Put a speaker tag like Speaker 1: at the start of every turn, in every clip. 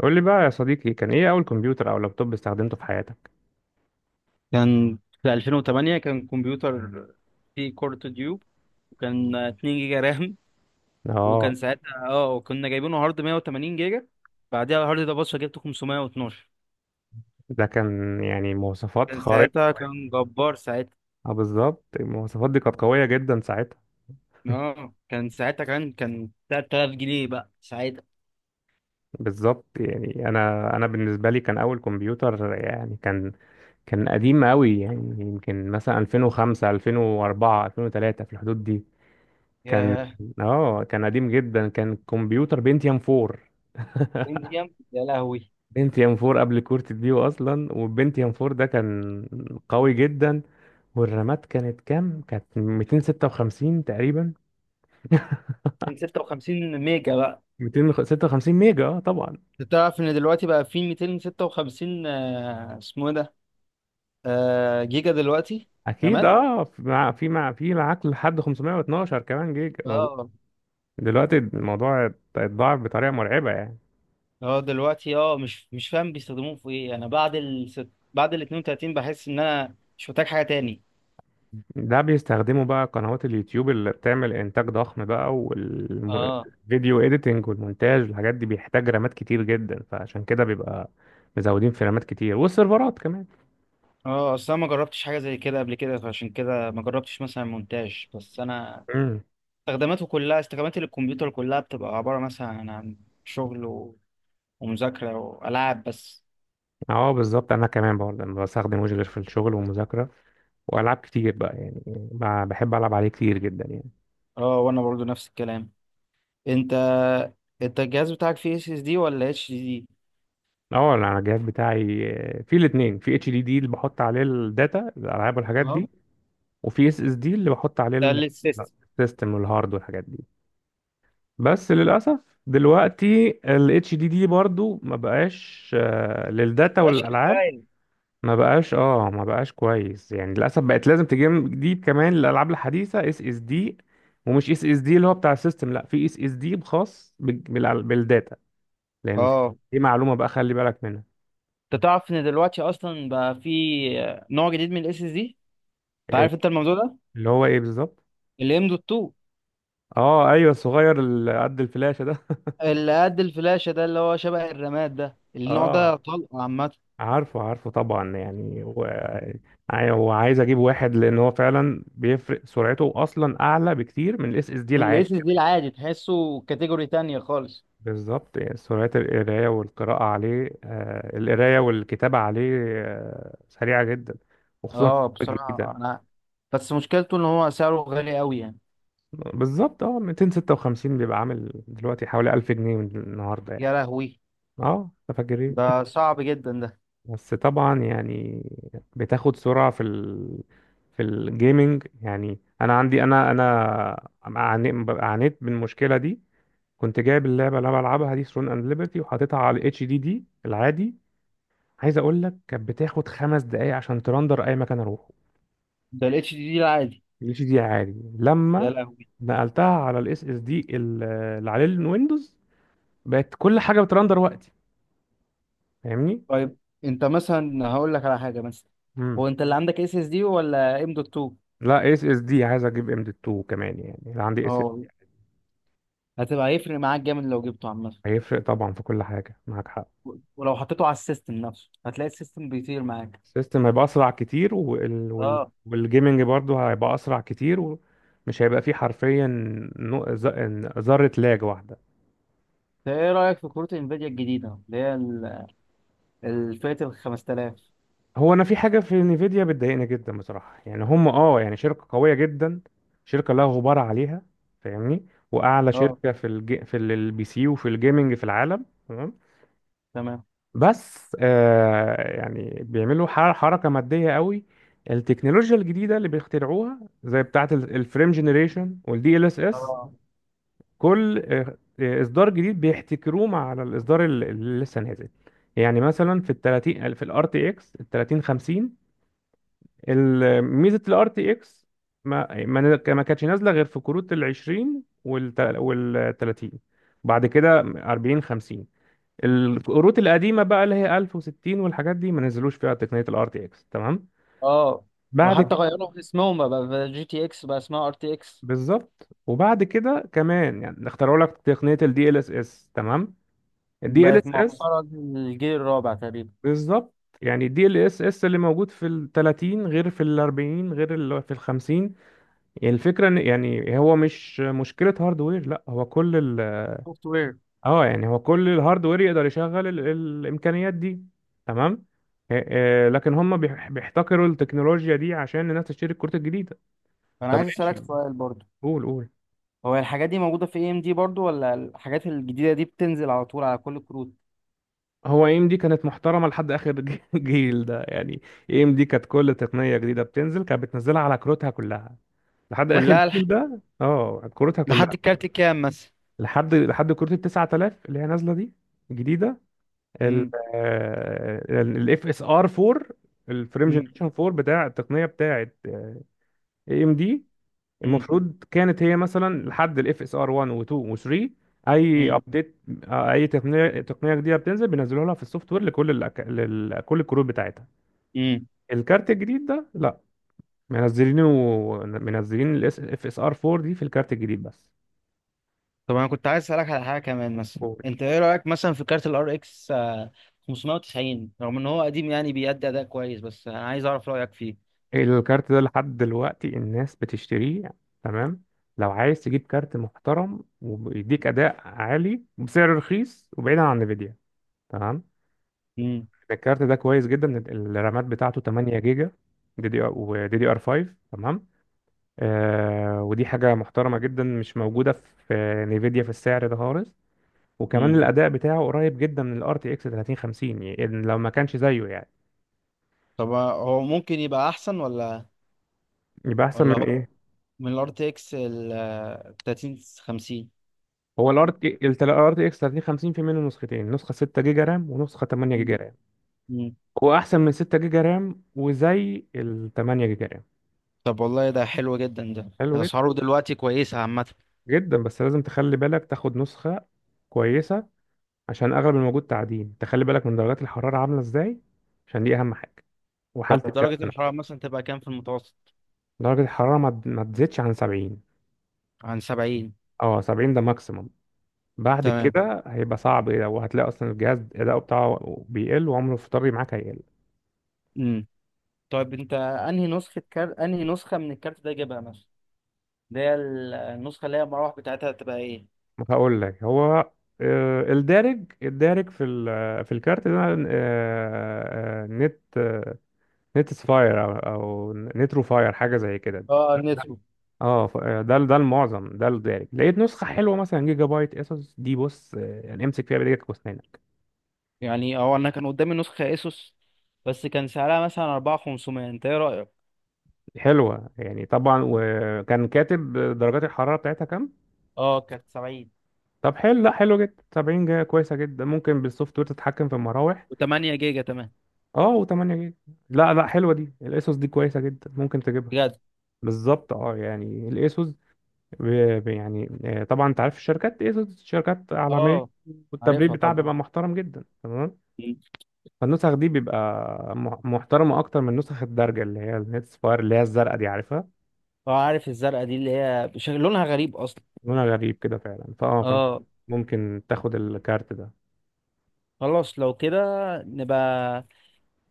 Speaker 1: قول لي بقى يا صديقي، كان ايه اول كمبيوتر او لابتوب استخدمته في حياتك؟
Speaker 2: كان في 2008 كان كمبيوتر فيه كورت ديوب، وكان 2 جيجا رام.
Speaker 1: اه،
Speaker 2: وكان ساعتها وكنا جايبينه هارد 180 جيجا. بعدها الهارد ده، بص، جبته 512.
Speaker 1: ده كان يعني مواصفات
Speaker 2: كان
Speaker 1: خارقة.
Speaker 2: ساعتها، كان جبار ساعتها.
Speaker 1: اه بالظبط، المواصفات دي كانت قوية جدا ساعتها.
Speaker 2: اه، كان ساعتها كان 3000 جنيه بقى ساعتها.
Speaker 1: بالظبط. يعني انا بالنسبة لي كان اول كمبيوتر، يعني كان قديم قوي، يعني يمكن مثلا 2005 2004 2003 في الحدود دي. كان
Speaker 2: ياه!
Speaker 1: جامد. اه كان قديم جدا، كان كمبيوتر بنتيوم 4.
Speaker 2: انتيم، يا لهوي!
Speaker 1: بنتيام 4 قبل كورت ديو اصلا، والبنتيام 4 ده كان قوي جدا. والرامات كانت كام؟ كانت 256 تقريبا.
Speaker 2: 256 ميجا بقى.
Speaker 1: 256 ميجا اه طبعا.
Speaker 2: انت تعرف ان دلوقتي بقى في 256 اسمه ايه ده؟ جيجا دلوقتي.
Speaker 1: اكيد
Speaker 2: رامات.
Speaker 1: اه، في معاك لحد 512 كمان جيجا موجود.
Speaker 2: اه
Speaker 1: دلوقتي الموضوع اتضاعف بطريقه مرعبه يعني.
Speaker 2: اه. دلوقتي، اه، مش فاهم بيستخدموه في ايه. انا بعد ال 32 بحس ان انا مش محتاج حاجه تاني.
Speaker 1: ده بيستخدموا بقى قنوات اليوتيوب اللي بتعمل انتاج ضخم بقى،
Speaker 2: اه.
Speaker 1: والفيديو اديتنج والمونتاج والحاجات دي، بيحتاج رامات كتير جدا، فعشان كده بيبقى مزودين في رامات كتير والسيرفرات كمان.
Speaker 2: اه، اصل انا ما جربتش حاجه زي كده قبل كده، فعشان كده ما جربتش مثلا مونتاج. بس انا
Speaker 1: امم.
Speaker 2: استخداماته كلها، استخدامات الكمبيوتر كلها، بتبقى عباره مثلا عن شغل ومذاكره والعاب بس.
Speaker 1: اه بالظبط، انا كمان برضه بستخدم، وجه غير في الشغل والمذاكره والعاب كتير بقى يعني. بحب العب عليه كتير جدا يعني.
Speaker 2: اه، وانا برضو نفس الكلام. انت انت الجهاز بتاعك فيه اس اس دي ولا اتش دي دي؟
Speaker 1: اه انا على الجهاز بتاعي، في الاثنين، في اتش دي دي اللي بحط عليه الداتا الالعاب والحاجات
Speaker 2: اه.
Speaker 1: دي، وفي اس اس دي اللي بحط عليه
Speaker 2: ده اللي السيستم.
Speaker 1: السيستم والهارد والحاجات دي. بس للاسف دلوقتي الاتش دي دي برضو ما بقاش، للداتا
Speaker 2: مبقاش
Speaker 1: والالعاب.
Speaker 2: كفايه.
Speaker 1: ما بقاش كويس يعني، للاسف بقت لازم تجيب كمان الالعاب الحديثه اس اس دي. ومش اس اس دي اللي هو بتاع السيستم، لا، في اس اس دي خاص بالداتا. لان في-
Speaker 2: اه،
Speaker 1: دي معلومه بقى، خلي بالك منها.
Speaker 2: انت تعرف ان دلوقتي اصلا بقى في نوع جديد من الاس اس دي؟ انت
Speaker 1: ال-
Speaker 2: عارف انت الموضوع ده؟
Speaker 1: اللي هو ايه بالظبط؟
Speaker 2: الام دوت 2.
Speaker 1: اه ايوه، الصغير اللي قد الفلاشه ده.
Speaker 2: اللي قد الفلاشه ده، اللي هو شبه الرماد ده، النوع
Speaker 1: اه اه،
Speaker 2: ده طلق عامه.
Speaker 1: عارفه عارفه طبعا يعني. هو عايز اجيب واحد، لان هو فعلا بيفرق، سرعته اصلا اعلى بكتير من الاس اس دي
Speaker 2: من
Speaker 1: العادي.
Speaker 2: الاس اس دي العادي تحسه كاتيجوري تانية خالص.
Speaker 1: بالظبط، يعني سرعة القراية والقراءة عليه، القراية والكتابة عليه. سريعة جدا، وخصوصا
Speaker 2: اه،
Speaker 1: في
Speaker 2: بصراحه
Speaker 1: الجديدة.
Speaker 2: انا، بس مشكلته ان هو سعره غالي قوي يعني.
Speaker 1: بالظبط. اه 256 بيبقى عامل دلوقتي حوالي 1000 جنيه من النهاردة يعني.
Speaker 2: يا لهوي!
Speaker 1: اه تفكرين.
Speaker 2: ده صعب جدا ده.
Speaker 1: بس طبعا يعني بتاخد سرعة في الجيمنج، يعني انا عندي انا انا عاني- عانيت من المشكلة دي. كنت جايب اللعبة اللي انا بلعبها دي، ثرون اند ليبرتي، وحاططها على الاتش دي دي العادي. عايز اقول لك، كانت بتاخد خمس دقايق عشان ترندر اي مكان اروحه.
Speaker 2: ده الاتش دي دي العادي.
Speaker 1: الاتش دي عادي،
Speaker 2: يا
Speaker 1: لما
Speaker 2: لهوي!
Speaker 1: نقلتها على الاس اس دي اللي عليه الويندوز، بقت كل حاجه بترندر وقتي، فاهمني؟
Speaker 2: طيب، انت مثلا هقول لك على حاجه مثلا.
Speaker 1: امم.
Speaker 2: هو انت اللي عندك اس اس دي ولا ام دوت 2؟
Speaker 1: لا اس اس دي، عايز اجيب ام دي 2 كمان، يعني اللي عندي اس.
Speaker 2: اه. هيفرق معاك جامد لو جبته، عامه.
Speaker 1: هيفرق طبعا في كل حاجه، معاك حق.
Speaker 2: ولو حطيته على السيستم نفسه هتلاقي السيستم بيطير معاك.
Speaker 1: السيستم هيبقى اسرع كتير
Speaker 2: اه.
Speaker 1: والجيمنج برضه هيبقى اسرع كتير، ومش هيبقى فيه حرفيا ذره لاج واحده.
Speaker 2: طيب، ايه رأيك في كروت انفيديا الجديدة اللي هي الفئة ال 5000؟
Speaker 1: هو انا في حاجه في نيفيديا بتضايقني جدا بصراحه، يعني هم يعني شركه قويه جدا، شركه لا غبار عليها، فاهمني، واعلى
Speaker 2: اه،
Speaker 1: شركه في البي سي وفي الجيمنج في العالم، تمام.
Speaker 2: تمام.
Speaker 1: بس يعني بيعملوا حركه ماديه قوي. التكنولوجيا الجديده اللي بيخترعوها زي بتاعه الفريم جنريشن والدي ال اس اس.
Speaker 2: اه.
Speaker 1: كل اصدار جديد بيحتكروه مع الاصدار اللي لسه نازل. يعني مثلا في ال 30، في الار تي اكس ال 3050، ميزه الار تي اكس ما ما ما كانتش نازله غير في كروت ال 20 وال 30، بعد كده 40 50. الكروت القديمه بقى اللي هي 1060 والحاجات دي ما نزلوش فيها تقنيه الار تي اكس، تمام.
Speaker 2: اه.
Speaker 1: بعد
Speaker 2: وحتى
Speaker 1: كده.
Speaker 2: غيروا في اسمهم، بقى، جي تي اكس بقى اسمها ار تي اكس.
Speaker 1: بالظبط، وبعد كده كمان يعني اخترعوا لك تقنيه الدي ال اس اس، تمام. الدي ال
Speaker 2: بقت
Speaker 1: اس اس.
Speaker 2: معصرة للجيل الرابع تقريبا.
Speaker 1: بالظبط. يعني الدي ال اس اس اللي موجود في ال 30 غير في ال 40 غير اللي في ال 50. يعني الفكرة إن، يعني هو مش مشكلة هاردوير، لا هو كل ال.
Speaker 2: سوفت وير.
Speaker 1: اه، يعني هو كل الهاردوير يقدر يشغل الإمكانيات دي، تمام. لكن هم بيحتكروا التكنولوجيا دي عشان الناس تشتري الكروت الجديدة.
Speaker 2: فانا
Speaker 1: طب
Speaker 2: عايز
Speaker 1: ماشي،
Speaker 2: اسألك سؤال برضو.
Speaker 1: قول قول.
Speaker 2: هو الحاجات دي موجودة في اي ام دي برضو، ولا الحاجات الجديدة دي بتنزل على طول على كل الكروت؟
Speaker 1: هو اي ام دي كانت محترمة لحد آخر جيل ده يعني. اي ام دي كانت كل تقنية جديدة بتنزل كانت بتنزلها على كروتها كلها، لحد آخر
Speaker 2: كلها.
Speaker 1: جيل ده، اه كروتها كلها.
Speaker 2: لحد الكارت كام مثلا؟
Speaker 1: لحد كروت ال 9000 اللي هي نازلة دي، جديدة،
Speaker 2: امم.
Speaker 1: الاف اس ار 4، الفريم جنريشن 4 بتاع التقنيه بتاعه اي ام دي.
Speaker 2: امم.
Speaker 1: المفروض كانت هي مثلا لحد الاف اس ار 1 و2 و3، اي ابديت، اي تقنيه جديده بتنزل بينزلوها لها في السوفت وير لكل كل الكروت بتاعتها.
Speaker 2: امم.
Speaker 1: الكارت الجديد ده لا، منزلينه، منزلين الاف اس ار 4 دي في الكارت الجديد بس.
Speaker 2: طب انا كنت عايز اسالك على حاجه كمان. مثلا انت ايه رايك مثلا في كارت الار اكس 590؟ رغم ان هو قديم، يعني بيأدي اداء كويس، بس انا عايز اعرف رايك فيه.
Speaker 1: الكارت ده لحد دلوقتي الناس بتشتريه، تمام. لو عايز تجيب كارت محترم وبيديك اداء عالي بسعر رخيص، وبعيدا عن نفيديا، تمام،
Speaker 2: امم.
Speaker 1: الكارت ده كويس جدا. الرامات بتاعته 8 جيجا، دي دي ار، ودي دي ار 5، تمام. ودي حاجه محترمه جدا، مش موجوده في نفيديا في السعر ده خالص. وكمان
Speaker 2: امم.
Speaker 1: الاداء بتاعه قريب جدا من الار تي اكس 3050، يعني لو ما كانش زيه يعني.
Speaker 2: طب هو ممكن يبقى احسن، ولا؟
Speaker 1: يبقى احسن
Speaker 2: ولا
Speaker 1: من
Speaker 2: هو
Speaker 1: إيه؟
Speaker 2: من الار تي اكس ال 3050؟
Speaker 1: هو الار تي اكس 3050 في منه نسختين، نسخه 6 جيجا رام ونسخه 8 جيجا رام.
Speaker 2: امم.
Speaker 1: هو احسن من 6 جيجا رام وزي ال 8 جيجا رام.
Speaker 2: طب والله ده حلو جدا ده،
Speaker 1: حلو جدا.
Speaker 2: اسعاره دلوقتي كويسه عامه.
Speaker 1: جدا بس لازم تخلي بالك تاخد نسخه كويسه، عشان اغلب الموجود تعدين، تخلي بالك من درجات الحراره عامله ازاي، عشان دي اهم حاجه،
Speaker 2: طب
Speaker 1: وحاله الكارت
Speaker 2: درجه الحراره
Speaker 1: نفسه.
Speaker 2: مثلا تبقى كام في المتوسط؟
Speaker 1: درجه الحراره ما تزيدش عن 70.
Speaker 2: عن 70.
Speaker 1: اه 70 ده ماكسيمم، بعد
Speaker 2: تمام.
Speaker 1: كده هيبقى صعب، وهتلاقي اصلا الجهاز اداؤه بتاعه بيقل، وعمره في طري معاك هيقل.
Speaker 2: امم. طيب، انت انهي نسخه من الكارت ده جايبها مثلا؟ اللي هي، النسخة اللي هي المراوح بتاعتها هتبقى ايه؟
Speaker 1: هقول لك، هو الدارج في الكارت ده، آه، آه، نت آه، نت سفاير او نترو فاير حاجه زي كده.
Speaker 2: اه، نسمو.
Speaker 1: اه، ده المعظم، ده الدارج. لقيت نسخه حلوه مثلا جيجا بايت، اسوس دي بص، يعني امسك فيها بايدك واسنانك.
Speaker 2: يعني هو انا كان قدامي نسخة اسوس، بس كان سعرها مثلا 4500. انت ايه رأيك؟
Speaker 1: حلوه يعني طبعا، وكان كاتب درجات الحراره بتاعتها كام.
Speaker 2: اه، كانت 70.
Speaker 1: طب حلو، لا حلو جدا، 70 جيجا كويسه جدا، ممكن بالسوفت وير تتحكم في المراوح.
Speaker 2: و8 جيجا، تمام.
Speaker 1: اه و8 جيجا. لا لا، حلوه دي، الاسوس دي كويسه جدا، ممكن تجيبها.
Speaker 2: بجد؟
Speaker 1: بالظبط اه، يعني الاسوس يعني طبعا انت عارف الشركات، اسوس شركات عالميه.
Speaker 2: اه،
Speaker 1: والتبريد
Speaker 2: عارفها
Speaker 1: بتاعها
Speaker 2: طبعا.
Speaker 1: بيبقى محترم جدا، تمام.
Speaker 2: مم.
Speaker 1: فالنسخ دي بيبقى محترمه اكتر من نسخ الدرجه اللي هي النتس فاير اللي هي الزرقاء دي، عارفها.
Speaker 2: اه، عارف الزرقاء دي اللي هي بشكل لونها غريب اصلا.
Speaker 1: لونها غريب كده فعلا، فانا
Speaker 2: اه.
Speaker 1: ممكن تاخد الكارت ده.
Speaker 2: خلاص، لو كده نبقى،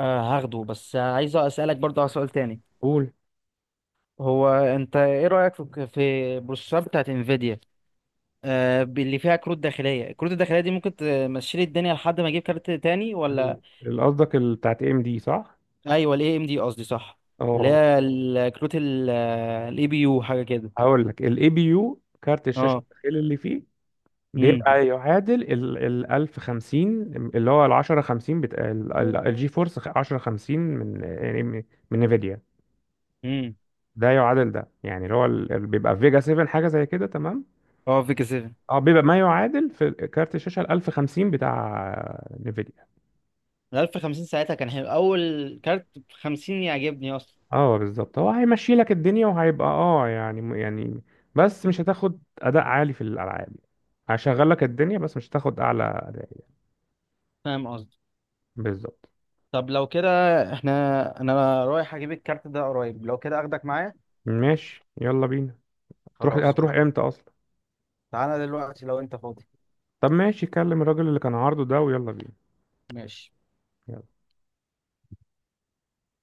Speaker 2: هاخده. بس عايز اسالك برضه على سؤال تاني.
Speaker 1: قول.
Speaker 2: هو انت ايه رايك في البروسيسور بتاعت انفيديا؟ اللي فيها كروت داخليه. الكروت الداخليه دي ممكن تمشي لي الدنيا لحد ما اجيب كارت تاني ولا؟
Speaker 1: قصدك بتاعت ام دي، صح؟
Speaker 2: ايوه، الاي ام دي قصدي، صح. اللي
Speaker 1: اه،
Speaker 2: هي الكروت الاي بي يو، حاجه كده.
Speaker 1: هقول لك الاي بي يو كارت الشاشه
Speaker 2: اه.
Speaker 1: الداخلي اللي فيه،
Speaker 2: امم.
Speaker 1: بيبقى يعادل ال 1050، اللي هو ال 1050 بتاع الجي فورس 1050، من يعني من نفيديا.
Speaker 2: امم.
Speaker 1: ده يعادل ده، يعني اللي هو بيبقى فيجا 7 حاجه زي كده، تمام.
Speaker 2: اه، فيك 7.
Speaker 1: اه، بيبقى ما يعادل في كارت الشاشه ال 1050 بتاع نفيديا.
Speaker 2: ال 1050 ساعتها كان حلو. اول كارت ب 50 يعجبني اصلا.
Speaker 1: اه بالظبط، هو هيمشي لك الدنيا وهيبقى يعني. بس مش هتاخد اداء عالي في الالعاب، هشغل لك الدنيا بس مش هتاخد اعلى اداء.
Speaker 2: فاهم قصدي.
Speaker 1: بالظبط.
Speaker 2: طب لو كده، احنا انا رايح اجيب الكارت ده قريب. لو كده اخدك معايا.
Speaker 1: ماشي يلا بينا. تروح؟
Speaker 2: خلاص،
Speaker 1: هتروح
Speaker 2: قشطة.
Speaker 1: امتى اصلا؟
Speaker 2: تعالى دلوقتي لو انت فاضي.
Speaker 1: طب ماشي، كلم الراجل اللي كان عارضه ده، ويلا بينا.
Speaker 2: ماشي.
Speaker 1: يلا.